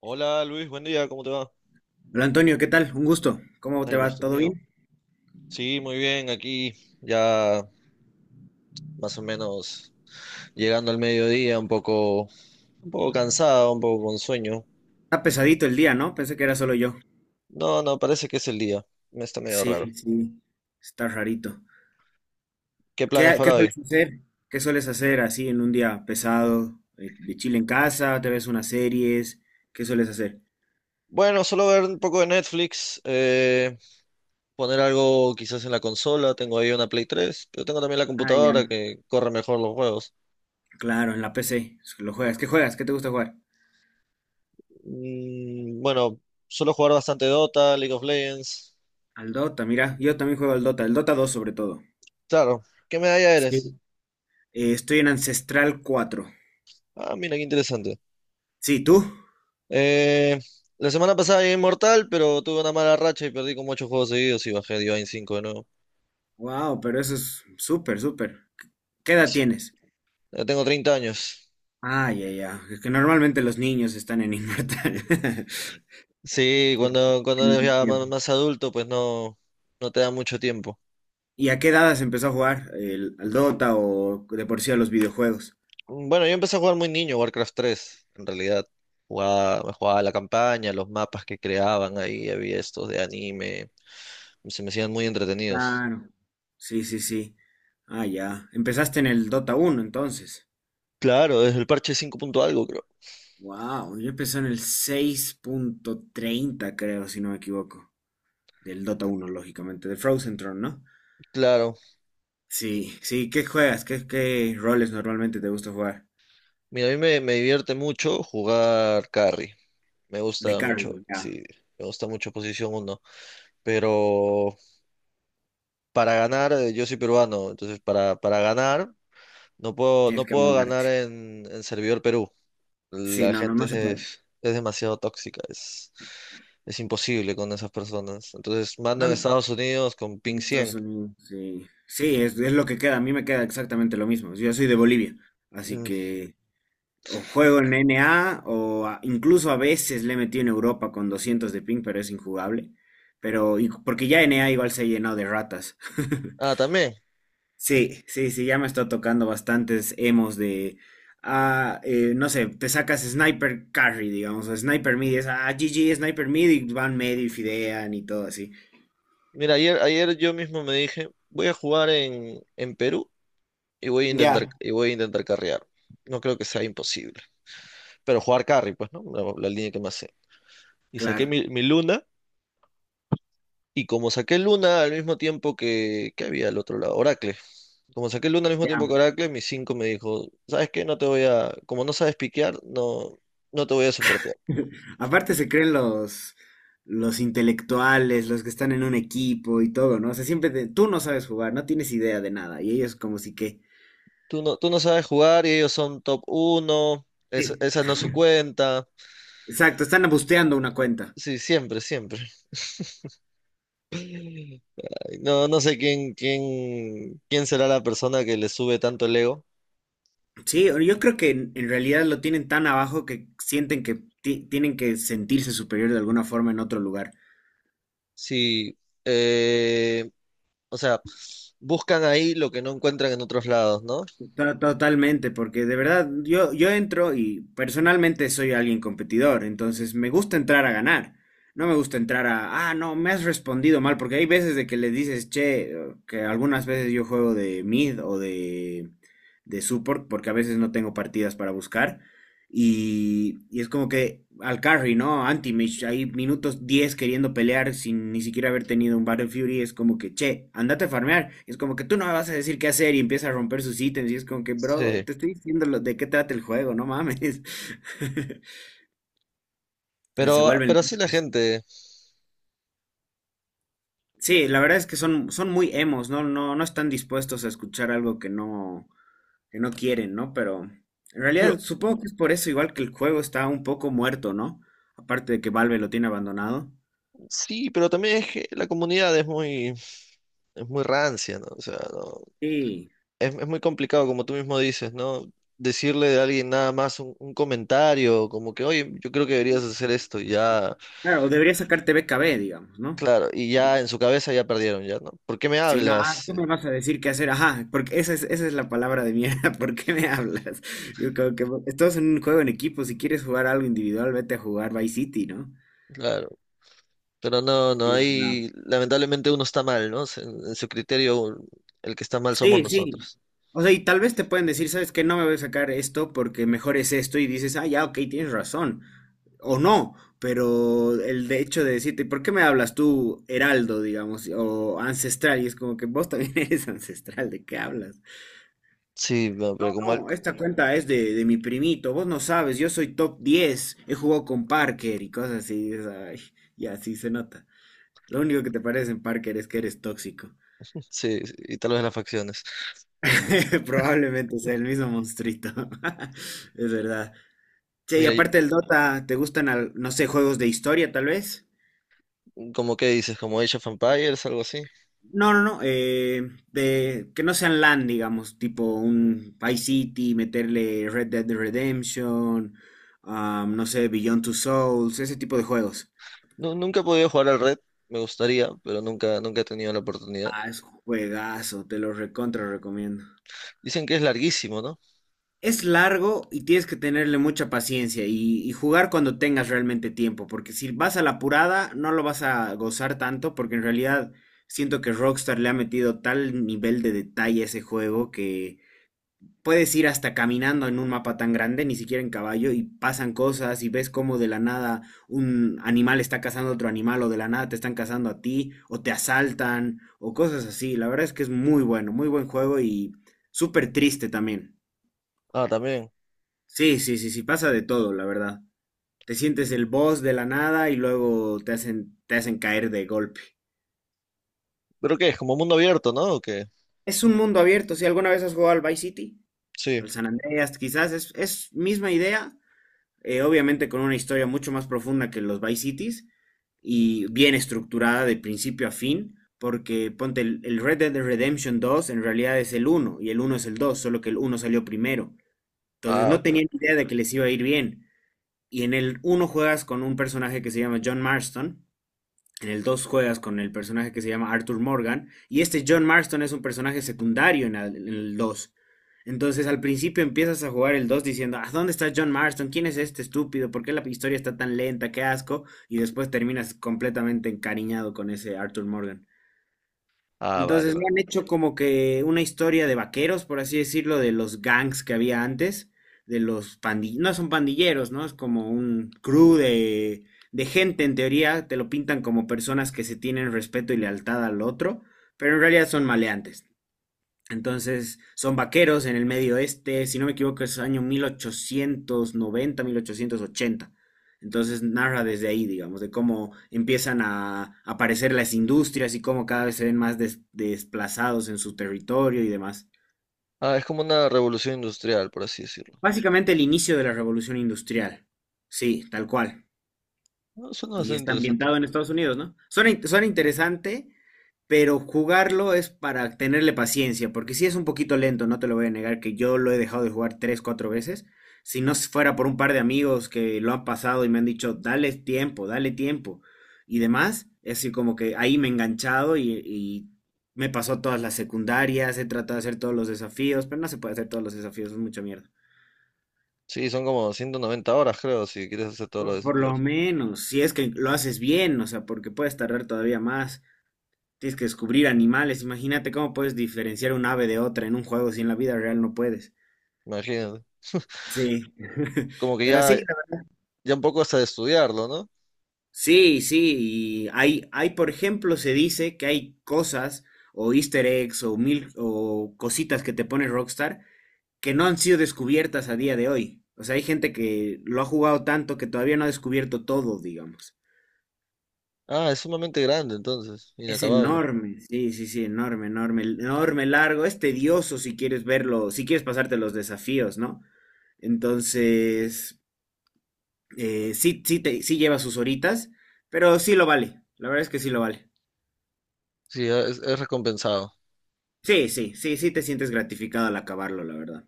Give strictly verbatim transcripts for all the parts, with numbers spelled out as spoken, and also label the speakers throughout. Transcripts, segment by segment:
Speaker 1: Hola Luis, buen día, ¿cómo te va?
Speaker 2: Hola Antonio, ¿qué tal? Un gusto. ¿Cómo te
Speaker 1: El
Speaker 2: va?
Speaker 1: gusto es
Speaker 2: ¿Todo
Speaker 1: mío.
Speaker 2: bien?
Speaker 1: Sí, muy bien, aquí ya más o menos llegando al mediodía, un poco, un poco cansado, un poco con sueño.
Speaker 2: Está pesadito el día, ¿no? Pensé que era solo yo.
Speaker 1: No, no, parece que es el día. Me está medio raro.
Speaker 2: Sí, sí, está rarito.
Speaker 1: ¿Qué
Speaker 2: ¿Qué,
Speaker 1: planes
Speaker 2: ha- qué
Speaker 1: para hoy?
Speaker 2: sueles hacer? ¿Qué sueles hacer así en un día pesado? Eh, ¿De chile en casa? ¿Te ves unas series? ¿Qué sueles hacer?
Speaker 1: Bueno, solo ver un poco de Netflix, eh, poner algo quizás en la consola. Tengo ahí una Play tres, pero tengo también la
Speaker 2: Ah,
Speaker 1: computadora
Speaker 2: ya.
Speaker 1: que corre mejor los juegos.
Speaker 2: Claro, en la P C. Lo juegas. ¿Qué juegas? ¿Qué te gusta jugar?
Speaker 1: Mm, bueno, suelo jugar bastante Dota, League of Legends.
Speaker 2: Al Dota, mira. Yo también juego al Dota. El Dota dos sobre todo.
Speaker 1: Claro, ¿qué medalla
Speaker 2: Sí.
Speaker 1: eres?
Speaker 2: Eh, estoy en Ancestral cuatro.
Speaker 1: Ah, mira, qué interesante.
Speaker 2: Sí, ¿tú?
Speaker 1: Eh, la semana pasada llegué inmortal, pero tuve una mala racha y perdí como ocho juegos seguidos y bajé Divine cinco de nuevo.
Speaker 2: Wow, pero eso es súper, súper. ¿Qué edad
Speaker 1: Sí,
Speaker 2: tienes?
Speaker 1: ya tengo treinta años.
Speaker 2: Ah, ya, ya. Es que normalmente los niños están en Inmortal.
Speaker 1: Sí, cuando, cuando
Speaker 2: En
Speaker 1: eres
Speaker 2: más
Speaker 1: ya más,
Speaker 2: tiempo.
Speaker 1: más adulto, pues no, no te da mucho tiempo.
Speaker 2: ¿Y a qué edad se empezó a jugar? ¿El, al Dota o de por sí a los videojuegos?
Speaker 1: Bueno, yo empecé a jugar muy niño Warcraft tres, en realidad. Jugaba, me jugaba la campaña, los mapas que creaban ahí, había estos de anime, se me hacían muy entretenidos.
Speaker 2: Claro. Sí, sí, sí. Ah, ya. Empezaste en el Dota uno, entonces.
Speaker 1: Claro, desde el parche cinco punto algo, creo.
Speaker 2: Wow, yo empecé en el seis punto treinta, creo, si no me equivoco. Del Dota uno, lógicamente. De Frozen Throne, ¿no?
Speaker 1: Claro.
Speaker 2: Sí, sí. ¿Qué juegas? ¿Qué, qué roles normalmente te gusta jugar?
Speaker 1: Mira, a mí me, me divierte mucho jugar carry. Me
Speaker 2: De
Speaker 1: gusta
Speaker 2: carry,
Speaker 1: mucho,
Speaker 2: ya.
Speaker 1: sí, me gusta mucho posición uno pero para ganar, eh, yo soy peruano, entonces para, para ganar, no puedo,
Speaker 2: Tienes
Speaker 1: no
Speaker 2: que
Speaker 1: puedo ganar
Speaker 2: amoldarte.
Speaker 1: en, en servidor Perú.
Speaker 2: Sí,
Speaker 1: La
Speaker 2: no, no,
Speaker 1: gente
Speaker 2: no
Speaker 1: es,
Speaker 2: se
Speaker 1: de-
Speaker 2: puede.
Speaker 1: es demasiado tóxica, es, es imposible con esas personas. Entonces mando en
Speaker 2: Dan-
Speaker 1: Estados Unidos con ping
Speaker 2: Estados
Speaker 1: cien.
Speaker 2: Unidos, sí. Sí, es, es lo que queda. A mí me queda exactamente lo mismo. Yo soy de Bolivia, así
Speaker 1: Mm.
Speaker 2: que o juego en N A o a- incluso a veces le he metido en Europa con doscientos de ping, pero es injugable. Pero y- porque ya N A igual se ha llenado de ratas.
Speaker 1: Ah, también.
Speaker 2: Sí, sí, sí, ya me está tocando bastantes emos de, ah, eh, no sé, te sacas Sniper Carry, digamos, o Sniper Mid, y es, ah, G G, Sniper Mid, y van medio y fidean y todo así.
Speaker 1: Mira, ayer, ayer yo mismo me dije, voy a jugar en, en Perú y voy a intentar,
Speaker 2: Ya.
Speaker 1: y voy a intentar carrear. No creo que sea imposible. Pero jugar carry, pues, ¿no? La, la línea que más sé. Y saqué
Speaker 2: Claro.
Speaker 1: mi, mi Luna. Y como saqué Luna al mismo tiempo que, que había al otro lado, Oracle. Como saqué Luna al mismo tiempo que Oracle, mi cinco me dijo, ¿sabes qué? No te voy a, como no sabes piquear, no, no te voy a soportar.
Speaker 2: Aparte se creen los, los, intelectuales, los que están en un equipo y todo, ¿no? O sea, siempre te- tú no sabes jugar, no tienes idea de nada. Y ellos como si que...
Speaker 1: Tú no, tú no sabes jugar y ellos son top uno, es-
Speaker 2: Sí.
Speaker 1: esa no es su cuenta.
Speaker 2: Exacto, están busteando una cuenta.
Speaker 1: Sí, siempre, siempre. Ay, no, no sé quién, quién, quién será la persona que le sube tanto el ego.
Speaker 2: Sí, o- yo creo que en, en realidad lo tienen tan abajo que sienten que ti- tienen que sentirse superior de alguna forma en otro lugar.
Speaker 1: Sí, eh, o sea, buscan ahí lo que no encuentran en otros lados, ¿no?
Speaker 2: To- Totalmente, porque de verdad yo, yo entro y personalmente soy alguien competidor, entonces me gusta entrar a ganar, no me gusta entrar a, ah, no, me has respondido mal, porque hay veces de que le dices, che, que algunas veces yo juego de mid o de, de, support, porque a veces no tengo partidas para buscar, y, y es como que al carry, ¿no? Anti-Mage, ahí minutos diez queriendo pelear sin ni siquiera haber tenido un Battle Fury, es como que, che, andate a farmear. Es como que tú no me vas a decir qué hacer y empieza a romper sus ítems. Y es como que, bro,
Speaker 1: Sí,
Speaker 2: te estoy diciendo lo- de qué trata el juego, no mames. Se
Speaker 1: pero,
Speaker 2: vuelven.
Speaker 1: pero sí la gente,
Speaker 2: Sí, la verdad es que son, son muy emos, ¿no? No, no están dispuestos a escuchar algo que no, que no quieren, ¿no? Pero en realidad
Speaker 1: pero
Speaker 2: supongo que es por eso, igual que el juego está un poco muerto, ¿no? Aparte de que Valve lo tiene abandonado.
Speaker 1: sí, pero también es que la comunidad es muy, es muy rancia, ¿no? O sea, no-
Speaker 2: Sí,
Speaker 1: es, es muy complicado, como tú mismo dices, ¿no? Decirle a alguien nada más un, un comentario, como que, oye, yo creo que deberías hacer esto, y ya,
Speaker 2: claro, o debería sacarte B K B, digamos, ¿no?
Speaker 1: claro, y ya en su cabeza ya perdieron, ya, ¿no? ¿Por qué me
Speaker 2: Si no, ah,
Speaker 1: hablas?
Speaker 2: ¿qué me
Speaker 1: Eh,
Speaker 2: vas a decir qué hacer? Ajá, porque esa es, esa es la palabra de mierda, ¿por qué me hablas? Yo creo que estás en un juego en equipo, si quieres jugar algo individual, vete a jugar Vice City, ¿no?
Speaker 1: Claro, pero no,
Speaker 2: Y
Speaker 1: no,
Speaker 2: es una-
Speaker 1: ahí lamentablemente uno está mal, ¿no? Se- En, su criterio, el que está mal somos
Speaker 2: Sí, sí.
Speaker 1: nosotros.
Speaker 2: O sea, y tal vez te pueden decir, ¿sabes qué? No me voy a sacar esto porque mejor es esto y dices, ah, ya, ok, tienes razón. O no, pero el de hecho de decirte, ¿por qué me hablas tú heraldo, digamos, o ancestral? Y es como que vos también eres ancestral, ¿de qué hablas?
Speaker 1: Sí, no, pero como, al-
Speaker 2: No, esta cuenta es de, de mi primito. Vos no sabes, yo soy top diez. He jugado con Parker y cosas así. es, ay, y así se nota. Lo único que te parece en Parker es que eres tóxico.
Speaker 1: sí, sí, y tal vez las facciones.
Speaker 2: Probablemente sea el mismo monstruito. Es verdad. Che, y
Speaker 1: Mira,
Speaker 2: aparte del Dota, ¿te gustan, al- no sé, juegos de historia tal vez?
Speaker 1: ¿como qué dices, como Age of Empires, algo así?
Speaker 2: No, no, no. eh, de, que no sean LAN, digamos, tipo un Vice City, meterle Red Dead Redemption, ah, no sé, Beyond Two Souls, ese tipo de juegos.
Speaker 1: Nu- nunca he podido jugar al Red, me gustaría, pero nunca, nunca he tenido la oportunidad.
Speaker 2: Ah, es juegazo, te lo recontra recomiendo.
Speaker 1: Dicen que es larguísimo, ¿no?
Speaker 2: Es largo y tienes que tenerle mucha paciencia y, y jugar cuando tengas realmente tiempo, porque si vas a la apurada no lo vas a gozar tanto, porque en realidad siento que Rockstar le ha metido tal nivel de detalle a ese juego que puedes ir hasta caminando en un mapa tan grande, ni siquiera en caballo, y pasan cosas y ves cómo de la nada un animal está cazando a otro animal o de la nada te están cazando a ti o te asaltan o cosas así. La verdad es que es muy bueno, muy buen juego y súper triste también.
Speaker 1: Ah, también.
Speaker 2: Sí, sí, sí, sí, pasa de todo, la verdad. Te sientes el boss de la nada y luego te hacen, te hacen caer de golpe.
Speaker 1: ¿Pero qué? ¿Es como mundo abierto, ¿no? ¿O qué?
Speaker 2: Es un mundo abierto, si alguna vez has jugado al Vice City,
Speaker 1: Sí.
Speaker 2: al San Andreas, quizás es, es misma idea, eh, obviamente con una historia mucho más profunda que los Vice Cities y bien estructurada de principio a fin, porque ponte el, el Red Dead Redemption dos en realidad es el uno y el uno es el dos solo que el uno salió primero. Entonces
Speaker 1: Ah,
Speaker 2: no
Speaker 1: ok.
Speaker 2: tenían
Speaker 1: Ok.
Speaker 2: idea de que les iba a ir bien. Y en el uno juegas con un personaje que se llama John Marston, en el dos juegas con el personaje que se llama Arthur Morgan. Y este John Marston es un personaje secundario en el- dos. Entonces al principio empiezas a jugar el dos diciendo, ¿a dónde está John Marston? ¿Quién es este estúpido? ¿Por qué la historia está tan lenta? ¡Qué asco! Y después terminas completamente encariñado con ese Arthur Morgan.
Speaker 1: Ah, vale,
Speaker 2: Entonces le
Speaker 1: vale.
Speaker 2: han hecho como que una historia de vaqueros, por así decirlo, de los gangs que había antes, de los pandilleros, no son pandilleros, ¿no? Es como un crew de, de gente, en teoría, te lo pintan como personas que se tienen respeto y lealtad al otro, pero en realidad son maleantes. Entonces, son vaqueros en el medio oeste, si no me equivoco, es año mil mil ochocientos noventa, mil ochocientos ochenta. Entonces narra desde ahí, digamos, de cómo empiezan a aparecer las industrias y cómo cada vez se ven más des- desplazados en su territorio y demás.
Speaker 1: Ah, es como una revolución industrial, por así decirlo.
Speaker 2: Básicamente el inicio de la revolución industrial. Sí, tal cual.
Speaker 1: No, suena
Speaker 2: Y
Speaker 1: bastante
Speaker 2: está
Speaker 1: interesante.
Speaker 2: ambientado en Estados Unidos, ¿no? Suena, in- suena interesante, pero jugarlo es para tenerle paciencia, porque sí es un poquito lento, no te lo voy a negar, que yo lo he dejado de jugar tres, cuatro veces. Si no fuera por un par de amigos que lo han pasado y me han dicho, dale tiempo, dale tiempo y demás, es decir, como que ahí me he enganchado y, y me pasó todas las secundarias, he tratado de hacer todos los desafíos, pero no se puede hacer todos los desafíos, es mucha mierda.
Speaker 1: Sí, son como ciento noventa horas, creo, si quieres hacer todos los
Speaker 2: Por por lo
Speaker 1: desafíos.
Speaker 2: menos, si es que lo haces bien, o sea, porque puedes tardar todavía más. Tienes que descubrir animales. Imagínate cómo puedes diferenciar un ave de otra en un juego si en la vida real no puedes.
Speaker 1: Imagínate.
Speaker 2: Sí.
Speaker 1: Como que
Speaker 2: Pero sí,
Speaker 1: ya,
Speaker 2: la-
Speaker 1: ya un poco hasta de estudiarlo, ¿no?
Speaker 2: sí, sí. Y hay, hay, por ejemplo, se dice que hay cosas o Easter eggs o mil o cositas que te pone Rockstar que no han sido descubiertas a día de hoy. O sea, hay gente que lo ha jugado tanto que todavía no ha descubierto todo, digamos.
Speaker 1: Ah, es sumamente grande, entonces.
Speaker 2: Es
Speaker 1: Inacabable.
Speaker 2: enorme, sí, sí, sí, enorme, enorme, enorme, largo. Es tedioso si quieres verlo, si quieres pasarte los desafíos, ¿no? Entonces, eh, sí, sí, te, sí lleva sus horitas, pero sí lo vale. La verdad es que sí lo vale.
Speaker 1: Sí, es es recompensado.
Speaker 2: Sí, sí, sí, sí te sientes gratificado al acabarlo, la verdad.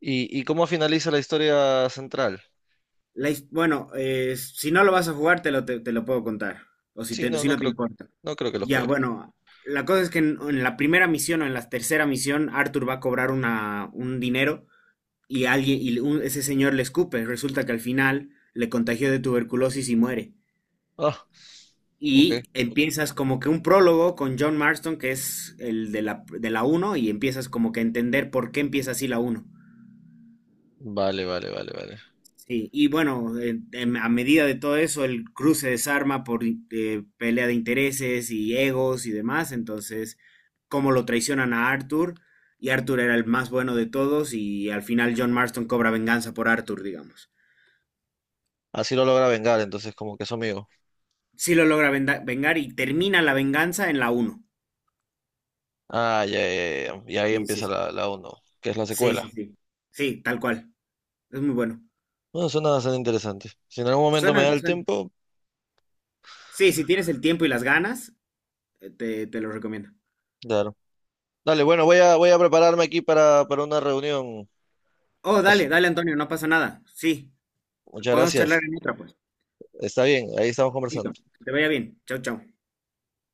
Speaker 1: ¿Y, y cómo finaliza la historia central?
Speaker 2: La his- bueno, eh, si no lo vas a jugar, te lo, te, te lo puedo contar. O si,
Speaker 1: Sí,
Speaker 2: te-
Speaker 1: no,
Speaker 2: si
Speaker 1: no
Speaker 2: no te
Speaker 1: creo,
Speaker 2: importa.
Speaker 1: no creo que lo
Speaker 2: Ya,
Speaker 1: juegue.
Speaker 2: bueno, la cosa es que en, en la primera misión o en la tercera misión, Arthur va a cobrar una, un dinero y alguien y un- ese señor le escupe. Resulta que al final le contagió de tuberculosis y muere.
Speaker 1: Ah, ok.
Speaker 2: Y empiezas como que un prólogo con John Marston, que es el de la, de la, uno y empiezas como que a entender por qué empieza así la uno.
Speaker 1: Vale, vale, vale, vale.
Speaker 2: Sí, y bueno, en- en- a medida de todo eso, el cruce se desarma por in- eh, pelea de intereses y egos y demás. Entonces, cómo lo traicionan a Arthur, y Arthur era el más bueno de todos, y al final John Marston cobra venganza por Arthur, digamos.
Speaker 1: Así lo logra vengar, entonces como que es su amigo.
Speaker 2: Sí lo logra venda- vengar y termina la venganza en la uno.
Speaker 1: Ah, ya, ya, ya. Y ahí
Speaker 2: Sí, sí,
Speaker 1: empieza
Speaker 2: sí,
Speaker 1: la, la uno, que es la
Speaker 2: sí,
Speaker 1: secuela.
Speaker 2: sí, sí, sí, tal cual. Es muy bueno.
Speaker 1: Bueno, suena bastante interesante. Si en algún momento me
Speaker 2: Suena,
Speaker 1: da el
Speaker 2: suena.
Speaker 1: tiempo,
Speaker 2: Sí, si tienes el tiempo y las ganas, eh, te, te lo recomiendo.
Speaker 1: claro. Dale, bueno, voy a, voy a prepararme aquí para, para una reunión.
Speaker 2: Oh,
Speaker 1: As-
Speaker 2: dale, dale, Antonio, no pasa nada. Sí,
Speaker 1: muchas
Speaker 2: podemos charlar
Speaker 1: gracias.
Speaker 2: en otra, pues.
Speaker 1: Está bien, ahí estamos conversando.
Speaker 2: Listo, que te vaya bien. Chao, chao.